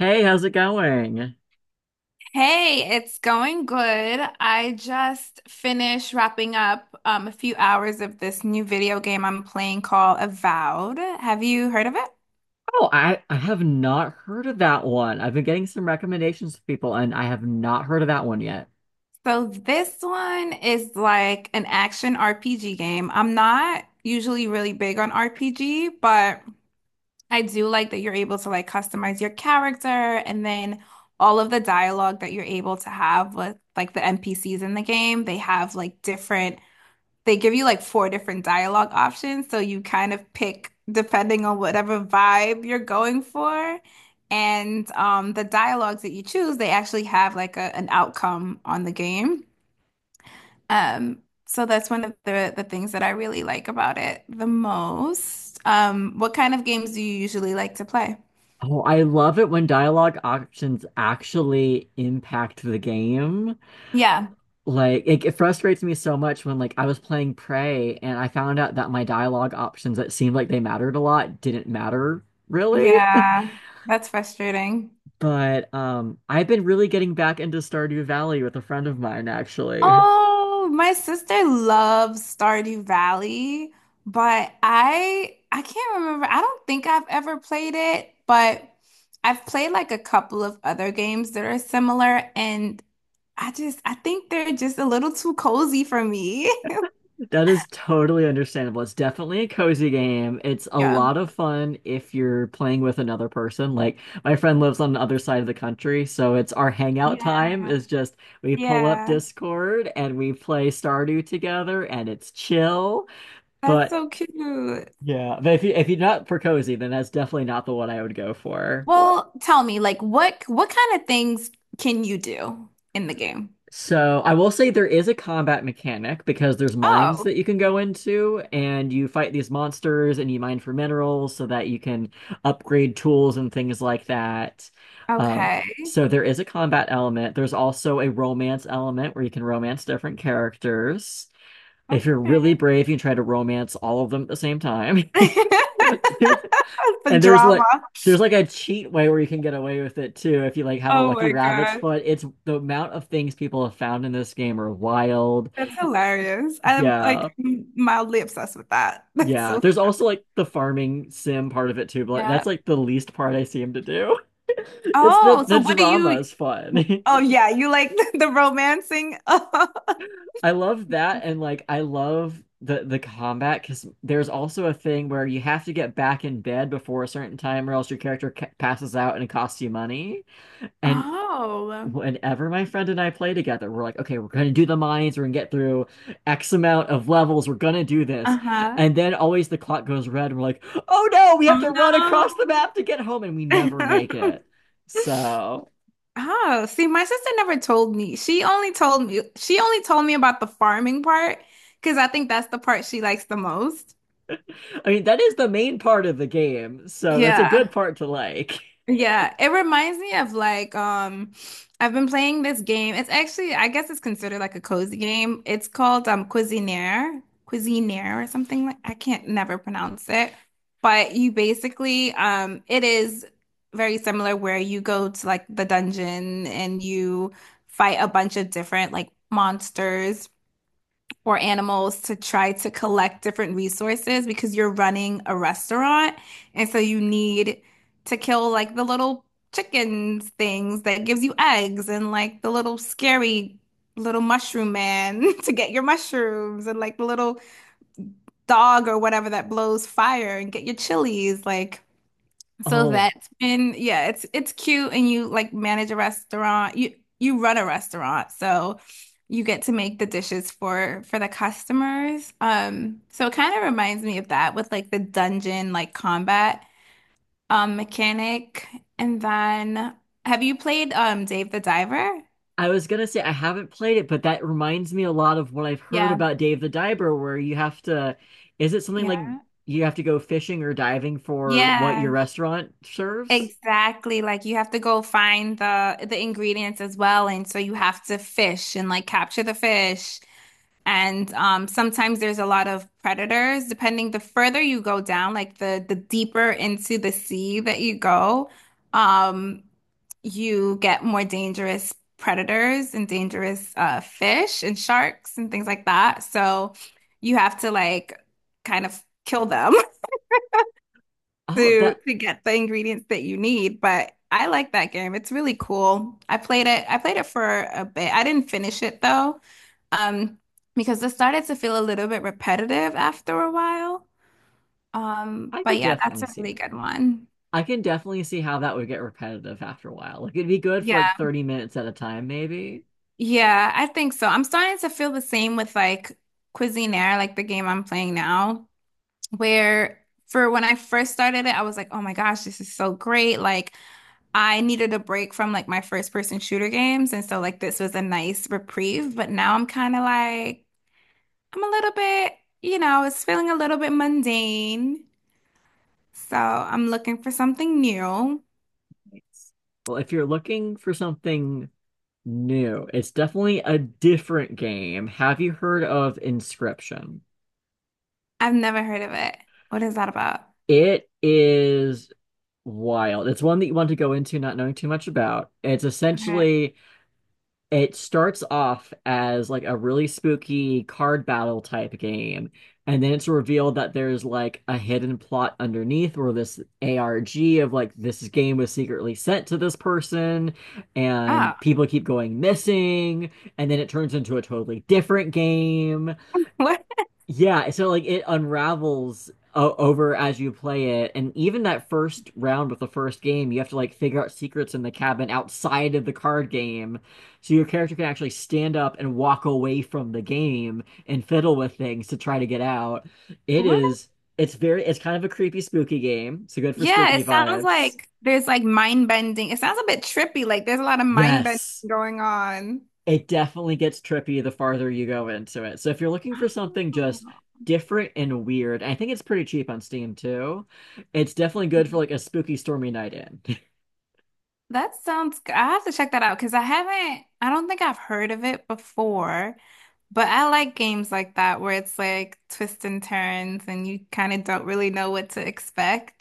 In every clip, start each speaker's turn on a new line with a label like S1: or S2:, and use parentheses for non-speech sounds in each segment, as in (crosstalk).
S1: Hey, how's it going?
S2: Hey, it's going good. I just finished wrapping up a few hours of this new video game I'm playing called Avowed. Have you heard of it?
S1: Oh, I have not heard of that one. I've been getting some recommendations from people, and I have not heard of that one yet.
S2: So this one is like an action RPG game. I'm not usually really big on RPG, but I do like that you're able to like customize your character, and then all of the dialogue that you're able to have with like the NPCs in the game, they have like different they give you like four different dialogue options, so you kind of pick depending on whatever vibe you're going for. And the dialogues that you choose, they actually have like an outcome on the game. So that's one of the things that I really like about it the most. What kind of games do you usually like to play?
S1: Oh, I love it when dialogue options actually impact the game.
S2: Yeah.
S1: Like, it frustrates me so much when, like, I was playing Prey and I found out that my dialogue options that seemed like they mattered a lot didn't matter really. (laughs)
S2: Yeah. That's frustrating.
S1: But I've been really getting back into Stardew Valley with a friend of mine, actually.
S2: Oh, my sister loves Stardew Valley, but I can't remember. I don't think I've ever played it, but I've played like a couple of other games that are similar, and I just I think they're just a little too cozy for me. (laughs)
S1: That is totally understandable. It's definitely a cozy game. It's a
S2: Yeah.
S1: lot of fun if you're playing with another person. Like my friend lives on the other side of the country, so it's our hangout
S2: Yeah,
S1: time is just we pull up
S2: yeah.
S1: Discord and we play Stardew together and it's chill.
S2: That's
S1: But
S2: so cute.
S1: yeah, but if you if you're not for cozy, then that's definitely not the one I would go for.
S2: Well, tell me, like what kind of things can you do in the game?
S1: So I will say there is a combat mechanic because there's mines
S2: Oh,
S1: that you can go into and you fight these monsters and you mine for minerals so that you can upgrade tools and things like that. Um,
S2: okay.
S1: so there is a combat element. There's also a romance element where you can romance different characters. If you're really
S2: Okay.
S1: brave, you can try to romance all of them at the same time.
S2: (laughs)
S1: (laughs)
S2: The
S1: And there's
S2: drama.
S1: like there's like a cheat way where you can get away with it too if you like have a
S2: Oh
S1: lucky
S2: my
S1: rabbit's
S2: God.
S1: foot. It's the amount of things people have found in this game are wild.
S2: That's hilarious. I'm like
S1: Yeah.
S2: mildly obsessed with that. (laughs) That's
S1: Yeah.
S2: so.
S1: There's also like the farming sim part of it too, but like,
S2: Yeah.
S1: that's like the least part I seem to do. (laughs) It's the
S2: Oh, so
S1: the
S2: what do
S1: drama
S2: you.
S1: is fun.
S2: Oh yeah, you like (laughs) the romancing. (laughs)
S1: (laughs) I love that and like I love the combat because there's also a thing where you have to get back in bed before a certain time or else your character ca passes out and it costs you money. And
S2: Oh.
S1: whenever my friend and I play together, we're like, okay, we're gonna do the mines, we're gonna get through X amount of levels, we're gonna do this.
S2: Uh-huh.
S1: And then always the clock goes red, and we're like, oh no, we have to run
S2: Oh
S1: across the map to get home, and we never
S2: no.
S1: make it.
S2: (laughs)
S1: So,
S2: Oh, see, my sister never told me. She only told me about the farming part, because I think that's the part she likes the most.
S1: I mean, that is the main part of the game, so that's a good
S2: Yeah.
S1: part to like.
S2: Yeah, it reminds me of like I've been playing this game. It's actually I guess it's considered like a cozy game. It's called Cuisinaire, Cuisinaire or something, like I can't never pronounce it. But you basically it is very similar, where you go to like the dungeon and you fight a bunch of different like monsters for animals to try to collect different resources because you're running a restaurant. And so you need to kill like the little chickens things that gives you eggs, and like the little scary little mushroom man (laughs) to get your mushrooms, and like the little dog or whatever that blows fire and get your chilies. Like so
S1: Oh,
S2: that's been yeah, it's cute and you like manage a restaurant. You run a restaurant, so you get to make the dishes for the customers. So it kind of reminds me of that with like the dungeon like combat mechanic. And then have you played Dave the Diver?
S1: I was gonna say I haven't played it, but that reminds me a lot of what I've heard
S2: Yeah.
S1: about Dave the Diver, where you have to, is it something like
S2: Yeah.
S1: you have to go fishing or diving for what your
S2: Yeah.
S1: restaurant serves?
S2: Exactly. Like you have to go find the ingredients as well, and so you have to fish and like capture the fish. And sometimes there's a lot of predators. Depending the further you go down, like the deeper into the sea that you go, um, you get more dangerous predators and dangerous fish and sharks and things like that. So you have to like kind of kill them (laughs)
S1: Oh,
S2: to
S1: that
S2: get the ingredients that you need. But I like that game. It's really cool. I played it for a bit. I didn't finish it though. Um, because it started to feel a little bit repetitive after a while.
S1: I
S2: But
S1: could
S2: yeah, that's
S1: definitely
S2: a
S1: see
S2: really
S1: that.
S2: good one.
S1: I can definitely see how that would get repetitive after a while. Like it'd be good for
S2: Yeah.
S1: like 30 minutes at a time, maybe.
S2: Yeah, I think so. I'm starting to feel the same with like Cuisinaire, like the game I'm playing now, where for when I first started it, I was like, oh my gosh, this is so great. Like I needed a break from like my first person shooter games, and so like this was a nice reprieve, but now I'm kind of like I'm a little bit, you know, it's feeling a little bit mundane. So I'm looking for something new.
S1: Nice. Well, if you're looking for something new, it's definitely a different game. Have you heard of Inscription?
S2: I've never heard of it. What is that about?
S1: It is wild. It's one that you want to go into not knowing too much about. It's
S2: Okay.
S1: essentially it starts off as like a really spooky card battle type game, and then it's revealed that there's like a hidden plot underneath where this ARG of like this game was secretly sent to this person,
S2: Oh,
S1: and people keep going missing, and then it turns into a totally different game.
S2: (laughs) what?
S1: Yeah, so like it unravels o over as you play it, and even that first round with the first game, you have to like figure out secrets in the cabin outside of the card game, so your character can actually stand up and walk away from the game and fiddle with things to try to get out. It
S2: What?
S1: is, it's very, it's kind of a creepy, spooky game, so good for
S2: Yeah,
S1: spooky
S2: it sounds
S1: vibes.
S2: like there's like mind bending. It sounds a bit trippy. Like there's a lot of mind bending
S1: Yes.
S2: going on.
S1: It definitely gets trippy the farther you go into it. So if you're looking for something just
S2: Oh.
S1: different and weird, I think it's pretty cheap on Steam too. It's definitely good for like a spooky stormy night in. (laughs)
S2: That sounds good. I have to check that out because I haven't, I don't think I've heard of it before, but I like games like that where it's like twists and turns and you kind of don't really know what to expect.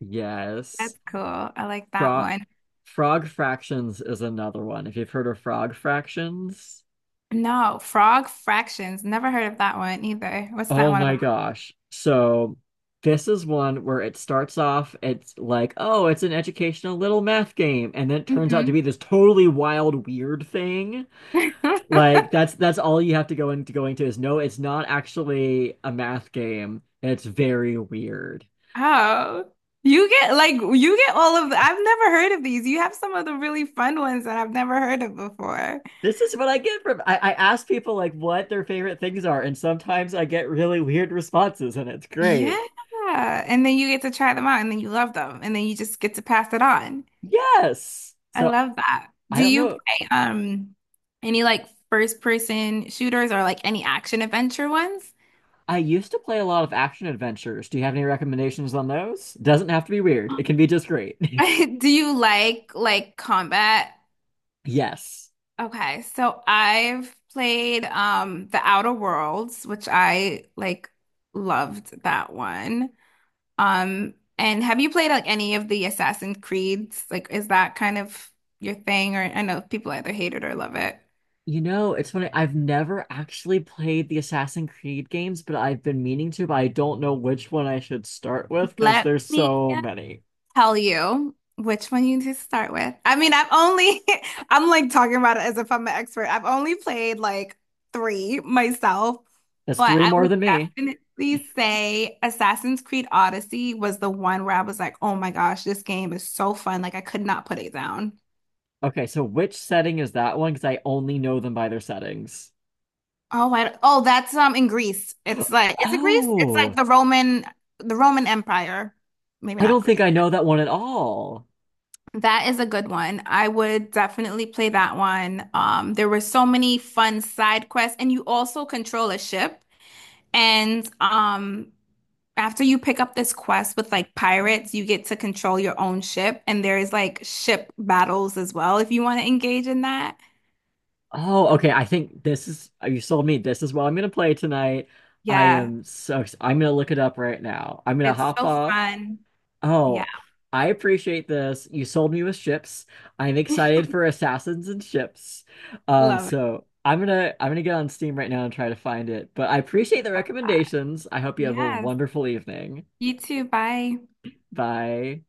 S1: Yes.
S2: That's cool. I like that
S1: Frog
S2: one.
S1: Frog Fractions is another one. If you've heard of Frog Fractions,
S2: No, frog fractions. Never heard of that one either. What's that
S1: oh
S2: one
S1: my
S2: about?
S1: gosh. So this is one where it starts off, it's like, oh, it's an educational little math game, and then it turns out to
S2: Hmm.
S1: be this totally wild, weird thing.
S2: (laughs)
S1: Like that's all you have to go into going to is no, it's not actually a math game, and it's very weird.
S2: Oh, you get like you get all of the, I've never heard of these. You have some of the really fun ones that I've never heard of before.
S1: This is what I get from I ask people like what their favorite things are, and sometimes I get really weird responses, and it's great.
S2: Yeah. And then you get to try them out, and then you love them, and then you just get to pass it on.
S1: Yes.
S2: I
S1: So
S2: love that.
S1: I
S2: Do
S1: don't
S2: you
S1: know.
S2: play any like first person shooters or like any action adventure ones?
S1: I used to play a lot of action adventures. Do you have any recommendations on those? Doesn't have to be weird. It
S2: (gasps)
S1: can be just great. (laughs)
S2: (laughs) Do you like combat?
S1: Yes.
S2: Okay, so I've played The Outer Worlds, which I like loved that one. And have you played like any of the Assassin's Creeds? Like, is that kind of your thing? Or I know people either hate it or love it.
S1: You know, it's funny. I've never actually played the Assassin's Creed games, but I've been meaning to, but I don't know which one I should start with because
S2: Let
S1: there's
S2: me
S1: so many.
S2: tell you which one you need to start with. I mean, I've only, (laughs) I'm like talking about it as if I'm an expert. I've only played like three myself,
S1: That's
S2: but
S1: three
S2: I
S1: more
S2: would
S1: than me.
S2: definitely say Assassin's Creed Odyssey was the one where I was like, oh my gosh, this game is so fun. Like, I could not put it down.
S1: Okay, so which setting is that one? Because I only know them by their settings.
S2: Oh, that's in Greece. It's
S1: (gasps)
S2: like, is it Greece? It's like
S1: Oh,
S2: the Roman Empire. Maybe
S1: I
S2: not
S1: don't think
S2: Greece.
S1: I know that one at all.
S2: That is a good one. I would definitely play that one. There were so many fun side quests, and you also control a ship. And after you pick up this quest with like pirates, you get to control your own ship, and there's like ship battles as well if you want to engage in that.
S1: Oh, okay. I think this is, you sold me. This is what I'm going to play tonight. I
S2: Yeah,
S1: am so, I'm going to look it up right now. I'm going to
S2: it's
S1: hop
S2: so
S1: off.
S2: fun. Yeah,
S1: Oh, I appreciate this. You sold me with ships. I'm
S2: (laughs)
S1: excited for Assassins and Ships. Um,
S2: love it
S1: so I'm gonna get on Steam right now and try to find it. But I appreciate the
S2: a lot.
S1: recommendations. I hope you have a
S2: Yes,
S1: wonderful evening.
S2: you too. Bye.
S1: Bye.